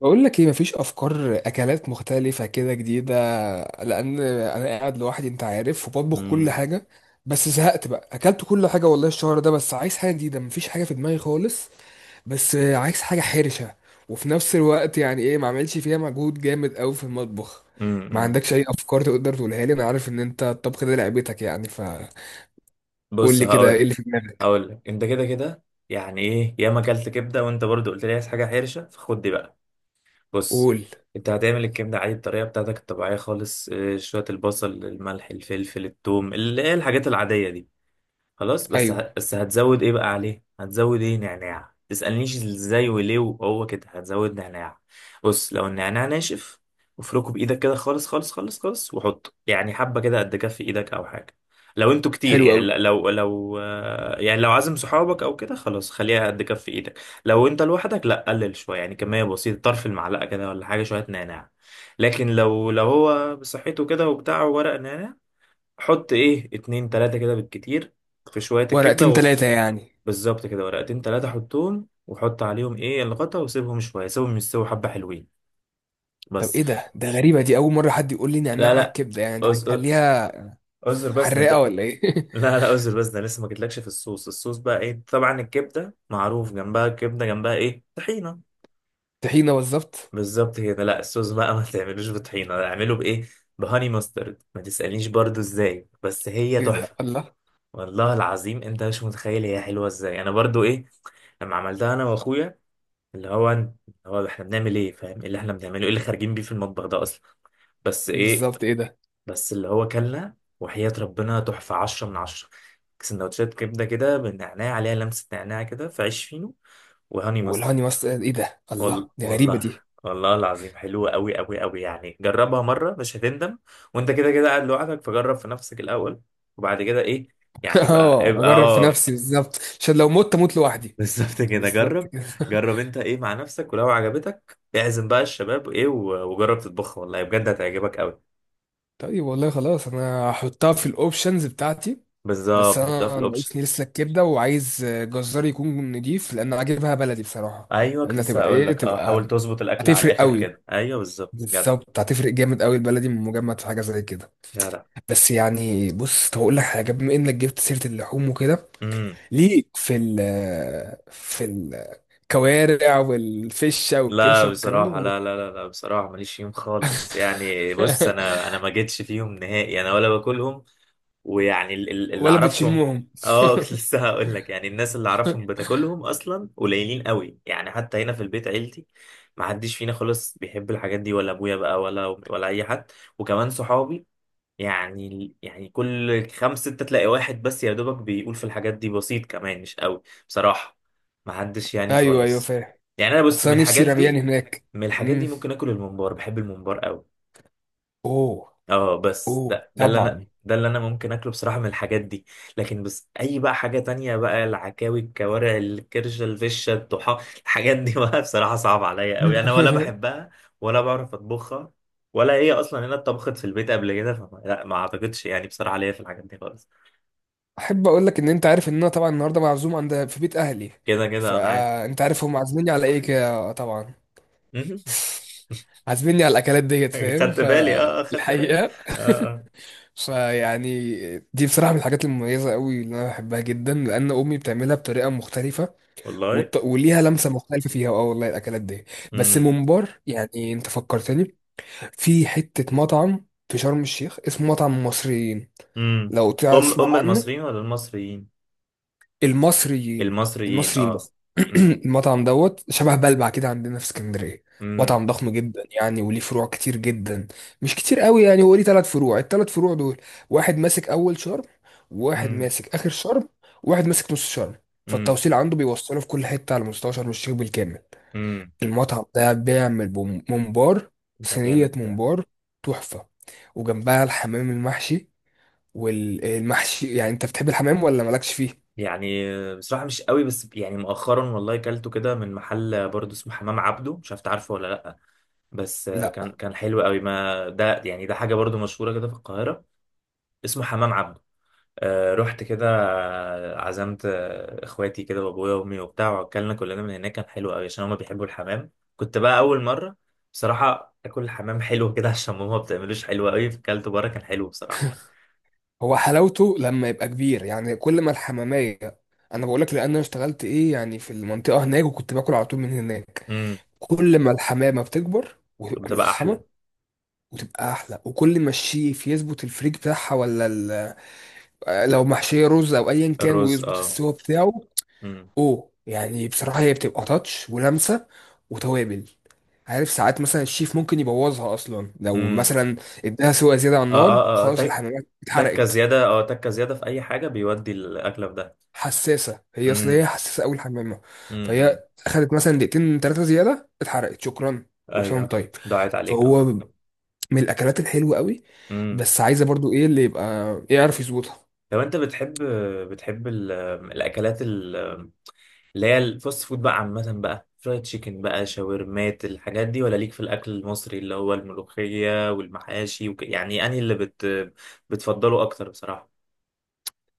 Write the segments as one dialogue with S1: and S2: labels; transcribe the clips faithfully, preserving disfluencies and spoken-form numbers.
S1: بقول لك ايه؟ مفيش افكار اكلات مختلفه كده جديده؟ لان انا قاعد لوحدي انت عارف وبطبخ كل
S2: امم
S1: حاجه. بس زهقت بقى اكلت كل حاجه والله الشهر ده، بس عايز حاجه جديده مفيش حاجه في دماغي خالص. بس عايز حاجه حرشه وفي نفس الوقت يعني ايه ما اعملش فيها مجهود جامد قوي في المطبخ.
S2: امم
S1: ما
S2: امم.
S1: عندكش اي افكار تقدر تقولها لي؟ انا عارف ان انت الطبخ ده لعبتك يعني فقول
S2: بص،
S1: لي كده ايه
S2: هقول
S1: اللي في دماغك.
S2: هقول لك انت كده كده. يعني ايه ياما اكلت كبده وانت برضو قلت لي عايز حاجه حرشه، فخد دي بقى. بص،
S1: قول.
S2: انت هتعمل الكبده عادي، الطريقه بتاعتك الطبيعيه خالص، اه، شويه البصل، الملح، الفلفل، الثوم، اللي هي الحاجات العاديه دي. خلاص، بس
S1: ايوه.
S2: ه... بس هتزود ايه بقى عليه؟ هتزود ايه؟ نعناع. تسألنيش ازاي وليه، وهو كده هتزود نعناع. بص، لو النعناع ناشف افركه بايدك كده خالص خالص خالص خالص، وحطه يعني حبة كده قد كف ايدك او حاجة. لو انتوا كتير
S1: حلو
S2: يعني
S1: قوي.
S2: ل- لو لو آه، يعني لو عازم صحابك او كده، خلاص خليها قد كف ايدك. لو انت لوحدك، لا قلل شوية، يعني كمية بسيطة، طرف المعلقة كده ولا حاجة، شوية نعناع. لكن لو لو هو بصحته كده وبتاع ورق نعناع، حط ايه، اتنين تلاتة كده بالكتير في شوية الكبدة
S1: ورقتين
S2: و...
S1: ثلاثه يعني؟
S2: بالظبط كده، ورقتين تلاتة، حطهم وحط عليهم ايه الغطا، وسيبهم شوية، سيبهم يستووا حبة حلوين.
S1: طب
S2: بس.
S1: ايه ده ده غريبة دي، اول مرة حد يقول لي نعناع
S2: لا
S1: على
S2: لا.
S1: الكبدة، يعني ده
S2: أز-
S1: هيخليها
S2: اعذر بس ده انت
S1: حراقة ولا ايه؟
S2: لا لا، اعذر بس ده أنا لسه ما جيتلكش في الصوص. الصوص بقى ايه؟ طبعا الكبدة معروف جنبها، الكبدة جنبها ايه؟ طحينة.
S1: طحينة بالظبط.
S2: بالظبط كده. لا، الصوص بقى ما تعملوش بطحينة، اعمله بايه؟ بهاني ماسترد. ما تسألنيش برضو ازاي، بس هي
S1: ايه ده؟
S2: تحفة.
S1: الله.
S2: والله العظيم انت مش متخيل هي حلوه ازاي. انا برضو ايه، لما عملتها انا واخويا، اللي هو اللي هو، احنا بنعمل ايه، فاهم ايه اللي احنا بنعمله، ايه اللي خارجين بيه في المطبخ ده اصلا؟ بس ايه،
S1: بالظبط. ايه ده؟
S2: بس اللي هو، كلنا وحياة ربنا تحفة، عشرة من عشرة. سندوتشات كبدة كده بالنعناع، عليها لمسة نعناع كده، في عيش فينو، وهاني
S1: والهاني
S2: ماسترد.
S1: ماستر، ايه ده؟ الله،
S2: وال...
S1: دي غريبة
S2: والله،
S1: دي.
S2: والله العظيم حلوة أوي أوي أوي، يعني جربها مرة مش هتندم. وأنت كده كده قاعد لوحدك، فجرب في نفسك الأول، وبعد كده إيه، يعني بقى
S1: اه
S2: ابقى
S1: اجرب في
S2: اه
S1: نفسي بالظبط عشان لو مت اموت لوحدي.
S2: بالظبط كده،
S1: بالظبط
S2: جرب.
S1: كده.
S2: جرب انت ايه مع نفسك، ولو عجبتك اعزم بقى الشباب ايه و- وجرب تطبخها، والله بجد هتعجبك قوي.
S1: طيب والله خلاص انا هحطها في الاوبشنز بتاعتي. بس
S2: بالظبط، حطها في
S1: انا
S2: الاوبشن.
S1: ناقصني لسه الكبده، وعايز جزار يكون نضيف لان عاجبها بلدي بصراحه.
S2: ايوه، كنت
S1: لانها
S2: لسه
S1: تبقى
S2: هقول
S1: ايه،
S2: لك اه، حاول
S1: تبقى
S2: تظبط الاكل على
S1: هتفرق
S2: الاخر
S1: قوي.
S2: كده. ايوه بالظبط، جدع
S1: بالظبط هتفرق جامد قوي، البلدي من مجمد في حاجه زي كده.
S2: جدع.
S1: بس يعني بص، طب اقول لك حاجه بما انك جبت سيره اللحوم وكده،
S2: امم.
S1: ليك في ال في الكوارع والفشه والكرشه
S2: لا
S1: والكلام ده
S2: بصراحه،
S1: ولا؟
S2: لا لا لا لا، بصراحه ماليش فيهم خالص، يعني بص، انا انا ما جيتش فيهم نهائي، انا ولا باكلهم، ويعني ال- ال- اللي
S1: ولا
S2: اعرفهم،
S1: بتشمهم؟
S2: اه كنت لسه هقول لك، يعني الناس اللي اعرفهم بتاكلهم اصلا قليلين قوي، يعني حتى هنا في البيت عيلتي ما حدش فينا خالص بيحب الحاجات دي، ولا ابويا بقى ولا ولا اي حد، وكمان صحابي، يعني يعني كل خمسة ستة تلاقي واحد بس يا دوبك بيقول في الحاجات دي، بسيط كمان مش قوي بصراحة، ما حدش يعني
S1: ايوه ايوه،
S2: خالص.
S1: فاهم.
S2: يعني انا بص،
S1: بس
S2: من
S1: انا نفسي
S2: الحاجات
S1: رميان
S2: دي،
S1: هناك.
S2: من الحاجات
S1: امم.
S2: دي ممكن اكل الممبار، بحب الممبار قوي.
S1: اوه.
S2: اه، بس
S1: اوه
S2: ده ده اللي انا
S1: طبعا.
S2: ده اللي انا ممكن اكله بصراحه من الحاجات دي. لكن بس اي بقى حاجه تانية بقى، العكاوي، الكوارع، الكرشه، الفشه، الطحا، الحاجات دي بقى بصراحه صعب عليا قوي، انا ولا بحبها، ولا بعرف اطبخها، ولا هي اصلا هنا اتطبخت في البيت قبل كده، فما لا، ما اعتقدش يعني بصراحه ليا في الحاجات دي خالص.
S1: احب اقول لك ان انت عارف ان انا طبعا النهارده معزوم عند في بيت اهلي،
S2: كده كده انا عارف.
S1: فانت عارف هم عازميني على ايه كده آه، طبعا. عازميني على الاكلات ديت، فاهم؟
S2: خدت بالي، اه اه خدت بالي.
S1: فالحقيقه
S2: اه اه.
S1: فيعني دي بصراحه من الحاجات المميزه قوي اللي انا بحبها جدا لان امي بتعملها بطريقه مختلفه.
S2: والله.
S1: والط... وليها لمسه مختلفه فيها، اه والله الاكلات دي. بس
S2: امم.
S1: ممبار، يعني انت فكرتني في حته مطعم في شرم الشيخ اسمه مطعم المصريين،
S2: امم
S1: لو
S2: ام
S1: تسمع
S2: ام المصريين
S1: عنه.
S2: ولا المصريين؟
S1: المصريين.
S2: المصريين
S1: المصريين
S2: اه.
S1: بس. المطعم دوت شبه بلبع كده عندنا في اسكندريه،
S2: امم.
S1: مطعم ضخم جدا يعني وليه فروع كتير جدا. مش كتير قوي يعني، هو ليه ثلاث فروع، الثلاث فروع دول واحد ماسك اول شرم، وواحد
S2: امم.
S1: ماسك اخر شرم، وواحد ماسك نص شرم.
S2: امم.
S1: فالتوصيل عنده بيوصله في كل حته على مستوى شرم الشيخ بالكامل.
S2: امم.
S1: المطعم ده بيعمل بوم- ممبار،
S2: ده
S1: صينيه
S2: جامد ده.
S1: ممبار، تحفه. وجنبها الحمام المحشي والمحشي. يعني انت بتحب الحمام ولا مالكش فيه؟
S2: يعني بصراحة مش قوي، بس يعني مؤخرا والله كلته كده من محل برضه اسمه حمام عبده، مش عارف تعرفه ولا لأ، بس
S1: لا
S2: كان كان حلو قوي. ما ده يعني ده حاجة برضه مشهورة كده في القاهرة، اسمه حمام عبده. آه رحت كده، آه، عزمت آه، اخواتي كده وابويا وامي وبتاع، واكلنا كلنا من هناك، كان حلو قوي عشان هما بيحبوا الحمام، كنت بقى اول مرة. بصراحة اكل الحمام حلو كده عشان ماما ما بتعملوش حلو قوي، فكلته بره كان حلو بصراحة.
S1: هو حلاوته لما يبقى كبير، يعني كل ما الحمامية، انا بقول لك لان انا اشتغلت ايه يعني في المنطقة هناك، وكنت باكل على طول من هناك.
S2: امم.
S1: كل ما الحمامة بتكبر وتبقى
S2: كنت بقى
S1: ملحمة
S2: احلى.
S1: وتبقى احلى، وكل ما الشيف يظبط الفريك بتاعها ولا ال- آه، لو محشية رز او ايا كان
S2: الرز
S1: ويظبط
S2: اه.
S1: السوا بتاعه.
S2: امم.
S1: اوه يعني بصراحة هي بتبقى تاتش ولمسة وتوابل. عارف ساعات مثلا الشيف ممكن يبوظها اصلا، لو
S2: امم.
S1: مثلا اداها سوا زيادة على
S2: اه
S1: النار
S2: اه اه آه.
S1: خلاص
S2: تك-
S1: الحمامية
S2: تكه
S1: اتحرقت.
S2: زياده، اه تكه زياده في اي حاجه بيودي الاكله في ده.
S1: حساسه، هي اصل
S2: امم.
S1: هي حساسه اول حمامه،
S2: امم.
S1: فهي اخذت مثلا دقيقتين ثلاثه زياده اتحرقت شكرا. كل سنه
S2: ايوه.
S1: وأنت طيب.
S2: دعيت عليك
S1: فهو
S2: اه.
S1: من الاكلات الحلوه قوي،
S2: امم.
S1: بس عايزه برضو ايه اللي يبقى إيه يعرف يظبطها.
S2: لو انت بتحب بتحب ال- الاكلات ال- اللي هي الفاست فود بقى، عامه بقى فرايد تشيكن بقى شاورمات الحاجات دي، ولا ليك في الاكل المصري اللي هو الملوخيه والمحاشي وك... يعني انهي اللي بت... بتفضله اكتر بصراحه؟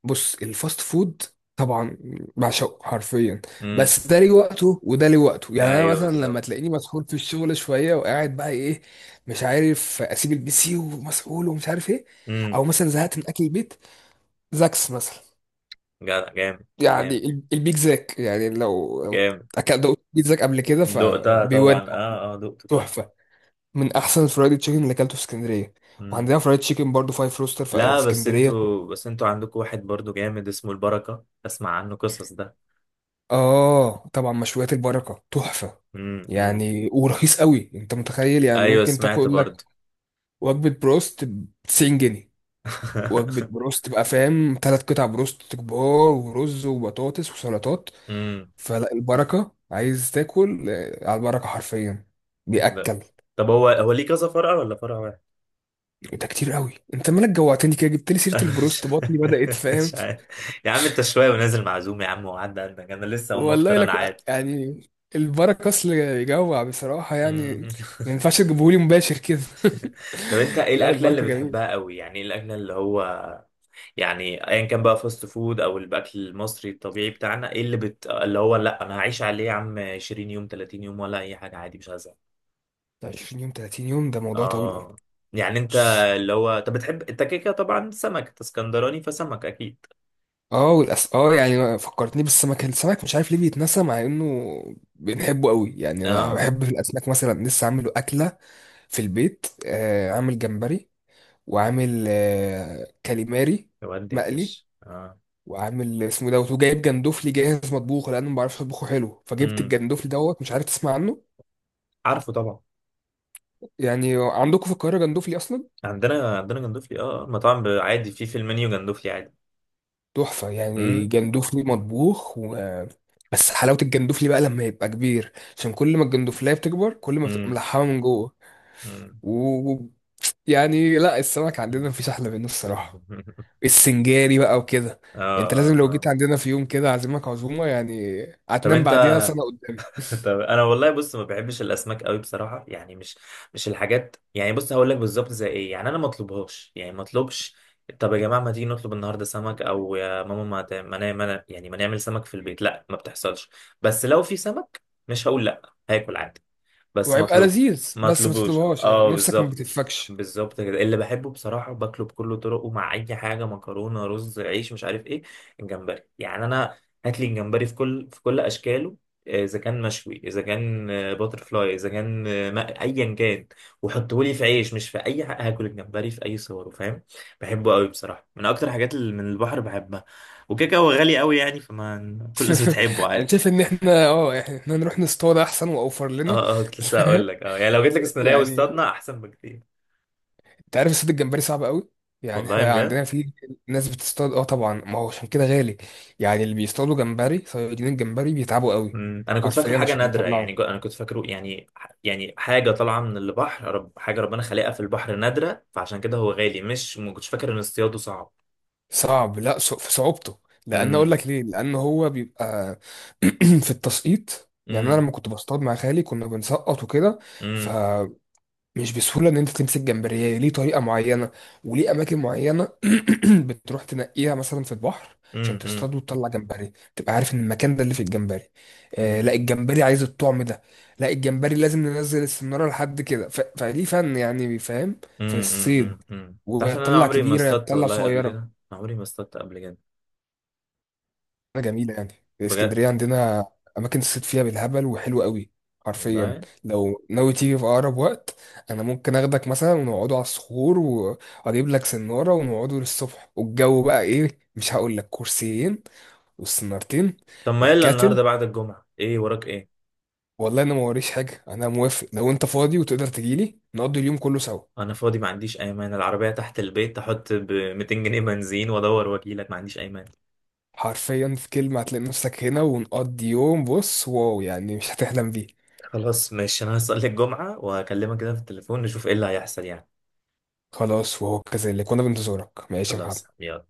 S1: بص الفاست فود طبعا بعشقه حرفيا،
S2: امم.
S1: بس ده ليه وقته وده ليه وقته. يعني انا
S2: ايوه
S1: مثلا لما
S2: بالظبط.
S1: تلاقيني مسحول في الشغل شويه وقاعد بقى ايه، مش عارف اسيب البي سي ومسحول ومش عارف ايه،
S2: امم.
S1: او مثلا زهقت من اكل البيت، زاكس مثلا.
S2: جدع جامد.
S1: يعني
S2: جامد.
S1: ال- البيك زاك، يعني لو لو
S2: جامد.
S1: اكلت دوقت بيك زاك قبل كده
S2: دقتها
S1: فبيودع،
S2: طبعا، اه اه دقت دقت.
S1: تحفه. من احسن الفرايد تشيكن اللي اكلته في اسكندريه.
S2: مم.
S1: وعندنا فرايد تشيكن برضو فايف روستر في في
S2: لا، بس
S1: اسكندريه.
S2: انتوا بس انتوا عندكم واحد برضو جامد اسمه البركة، اسمع عنه قصص ده.
S1: اه طبعا مشويات البركه تحفه،
S2: مم. مم.
S1: يعني ورخيص قوي. انت متخيل يعني
S2: ايوه
S1: ممكن
S2: سمعت
S1: تاكل لك
S2: برضو.
S1: وجبه بروست ب تسعين جنيه؟ وجبه بروست تبقى فاهم، ثلاث قطع بروست كبار ورز وبطاطس وسلطات.
S2: مم.
S1: فلا البركه، عايز تاكل آه، على البركه حرفيا
S2: لا.
S1: بيأكل.
S2: طب هو هو ليه كذا فرع ولا فرع واحد؟
S1: ده كتير قوي، انت مالك جوعتني كده جبت لي سيره
S2: انا مش
S1: البروست، بطني بدات، فاهم؟
S2: مش عارف. يا عم انت شوية ونازل معزوم يا عم، وعدى عندك، انا لسه اقوم
S1: والله
S2: افطر انا
S1: لك
S2: عادي.
S1: يعني البركه اصل يجوع بصراحه يعني،
S2: مم.
S1: ما ينفعش تجيبهولي مباشر كده.
S2: طب انت ايه
S1: لا
S2: الاكلة اللي
S1: البركه جميل.
S2: بتحبها قوي؟ يعني ايه الاكلة اللي هو، يعني ايا كان بقى فاست فود او الاكل المصري الطبيعي بتاعنا، ايه اللي بت... اللي هو لا انا هعيش عليه يا عم، 20 يوم 30 يوم، ولا اي حاجه عادي مش هزهق؟
S1: عشرين يوم تلاتين يوم ده موضوع طويل قوي.
S2: اه، يعني انت
S1: بص،
S2: اللي هو، انت بتحب انت كده كده طبعا سمك، انت اسكندراني فسمك اكيد.
S1: اه والأس... اه يعني فكرتني بالسمك. السمك مش عارف ليه بيتنسى مع انه بنحبه قوي. يعني انا
S2: اه،
S1: بحب في الاسماك، مثلا لسه عامله اكله في البيت آه، عامل جمبري، وعامل آه كاليماري
S2: ودي يا
S1: مقلي،
S2: باشا اه.
S1: وعامل اسمه دوت، وجايب جندوفلي جاهز مطبوخ لان ما بعرفش اطبخه حلو، فجبت
S2: امم.
S1: الجندوفلي دوت، مش عارف تسمع عنه؟
S2: عارفه طبعا.
S1: يعني عندكم في القاهره جندوفلي اصلا؟
S2: عندنا عندنا جندوفلي، اه المطاعم ب- عادي، في في المنيو جندوفلي عادي.
S1: تحفه يعني
S2: امم.
S1: جندوفلي مطبوخ و... بس حلاوه الجندوفلي بقى لما يبقى كبير، عشان كل ما الجندوفليه بتكبر كل ما بتبقى
S2: امم.
S1: ملحمه من جوه
S2: امم.
S1: و... و- يعني لا السمك عندنا مفيش احلى منه الصراحه. السنجاري بقى وكده،
S2: اه
S1: انت
S2: اه
S1: لازم لو
S2: اه.
S1: جيت عندنا في يوم كده اعزمك عزومه يعني،
S2: طب
S1: هتنام
S2: انت
S1: بعديها سنه.
S2: طب انا والله، بص ما بحبش الاسماك قوي بصراحه، يعني مش مش الحاجات، يعني بص هقول لك بالظبط زي ايه، يعني انا ما اطلبهاش، يعني ما اطلبش، طب يا جماعه ما تيجي نطلب النهارده سمك، او يا ماما ما ت- ما نا- ما نا- يعني ما نعمل سمك في البيت، لا ما بتحصلش. بس لو في سمك مش هقول لا، هاكل عادي، بس ما
S1: وهيبقى
S2: اطلب،
S1: لذيذ
S2: ما
S1: بس ما
S2: اطلبوش،
S1: تطلبهاش، اه
S2: اه
S1: نفسك ما
S2: بالظبط.
S1: بتتفكش.
S2: بالظبط كده، اللي بحبه بصراحة باكله بكل طرقه، مع أي حاجة، مكرونة، رز، عيش، مش عارف إيه، الجمبري يعني. أنا هات لي الجمبري في كل في كل أشكاله، آه، إذا كان مشوي، إذا كان باتر فلاي، إذا كان آه، ما- أيا كان، وحطه لي في عيش، مش في أي حاجة هاكل الجمبري في أي صوره، فاهم. بحبه قوي بصراحة، من أكتر حاجات اللي من البحر بحبها، وكده هو غالي قوي يعني، فما كل الناس بتحبه
S1: انا
S2: عادي.
S1: شايف ان احنا اه احنا إحنا نروح نصطاد احسن واوفر لنا.
S2: اه اه كنت لسه هقول لك اه، يعني لو جيت لك اسكندرية
S1: يعني
S2: واستضنا أحسن بكتير.
S1: انت عارف الصيد الجمبري صعب قوي، يعني
S2: والله
S1: احنا
S2: بجد.
S1: عندنا في ناس بتصطاد، اه طبعا ما هو عشان كده غالي. يعني اللي بيصطادوا جمبري، صيادين الجمبري بيتعبوا قوي
S2: مم. انا كنت فاكره
S1: حرفيا
S2: حاجه
S1: عشان
S2: نادره،
S1: يطلعوا.
S2: يعني جو- انا كنت فاكره يعني، يعني حاجه طالعه من البحر، رب حاجه ربنا خلقها في البحر نادره، فعشان كده هو غالي، مش ما كنتش فاكر ان اصطياده صعب.
S1: صعب، لا صع- في صعوبته. لان اقول
S2: امم.
S1: لك ليه، لان هو بيبقى في التسقيط. يعني انا
S2: امم.
S1: لما كنت بصطاد مع خالي كنا بنسقط وكده،
S2: امم.
S1: مش بسهولة إن أنت تمسك جمبرية، ليه طريقة معينة وليه أماكن معينة. بتروح تنقيها مثلا في البحر عشان
S2: امم.
S1: تصطاد وتطلع جمبري، تبقى عارف إن المكان ده اللي فيه الجمبري. آه لا
S2: امم.
S1: الجمبري عايز الطعم ده، لا الجمبري لازم ننزل السنارة لحد كده ف... فليه فن يعني، فاهم؟ في
S2: امم.
S1: الصيد
S2: امم. تعرف ان انا
S1: ويطلع
S2: عمري ما
S1: كبيرة
S2: اصطدت
S1: يطلع
S2: والله قبل كده، أنا
S1: صغيرة
S2: عمري ما اصطدت قبل كده.
S1: جميلة يعني.
S2: بجد.
S1: اسكندرية عندنا أماكن الصيد فيها بالهبل، وحلوة قوي حرفيا.
S2: والله.
S1: لو ناوي تيجي في أقرب وقت أنا ممكن أخدك مثلا ونقعدوا على الصخور، وأجيب لك سنارة ونقعدوا للصبح والجو بقى إيه، مش هقول لك، كرسيين والسنارتين
S2: طب ما يلا
S1: والكاتل.
S2: النهارده بعد الجمعه، ايه وراك ايه؟
S1: والله أنا ما وريش حاجة، أنا موافق لو أنت فاضي وتقدر تجيلي نقضي اليوم كله سوا.
S2: انا فاضي ما عنديش اي مانع، العربيه تحت البيت، احط ب ميتين جنيه بنزين وادور وكيلك، ما عنديش اي مانع.
S1: حرفيا في كلمة هتلاقي نفسك هنا ونقضي يوم بص واو، يعني مش هتحلم بيه.
S2: خلاص ماشي، انا هصلي الجمعة واكلمك كده في التليفون، نشوف ايه اللي هيحصل يعني.
S1: خلاص وهو كذلك، وأنا بنتظرك، ماشي يا محمد.
S2: خلاص يلا.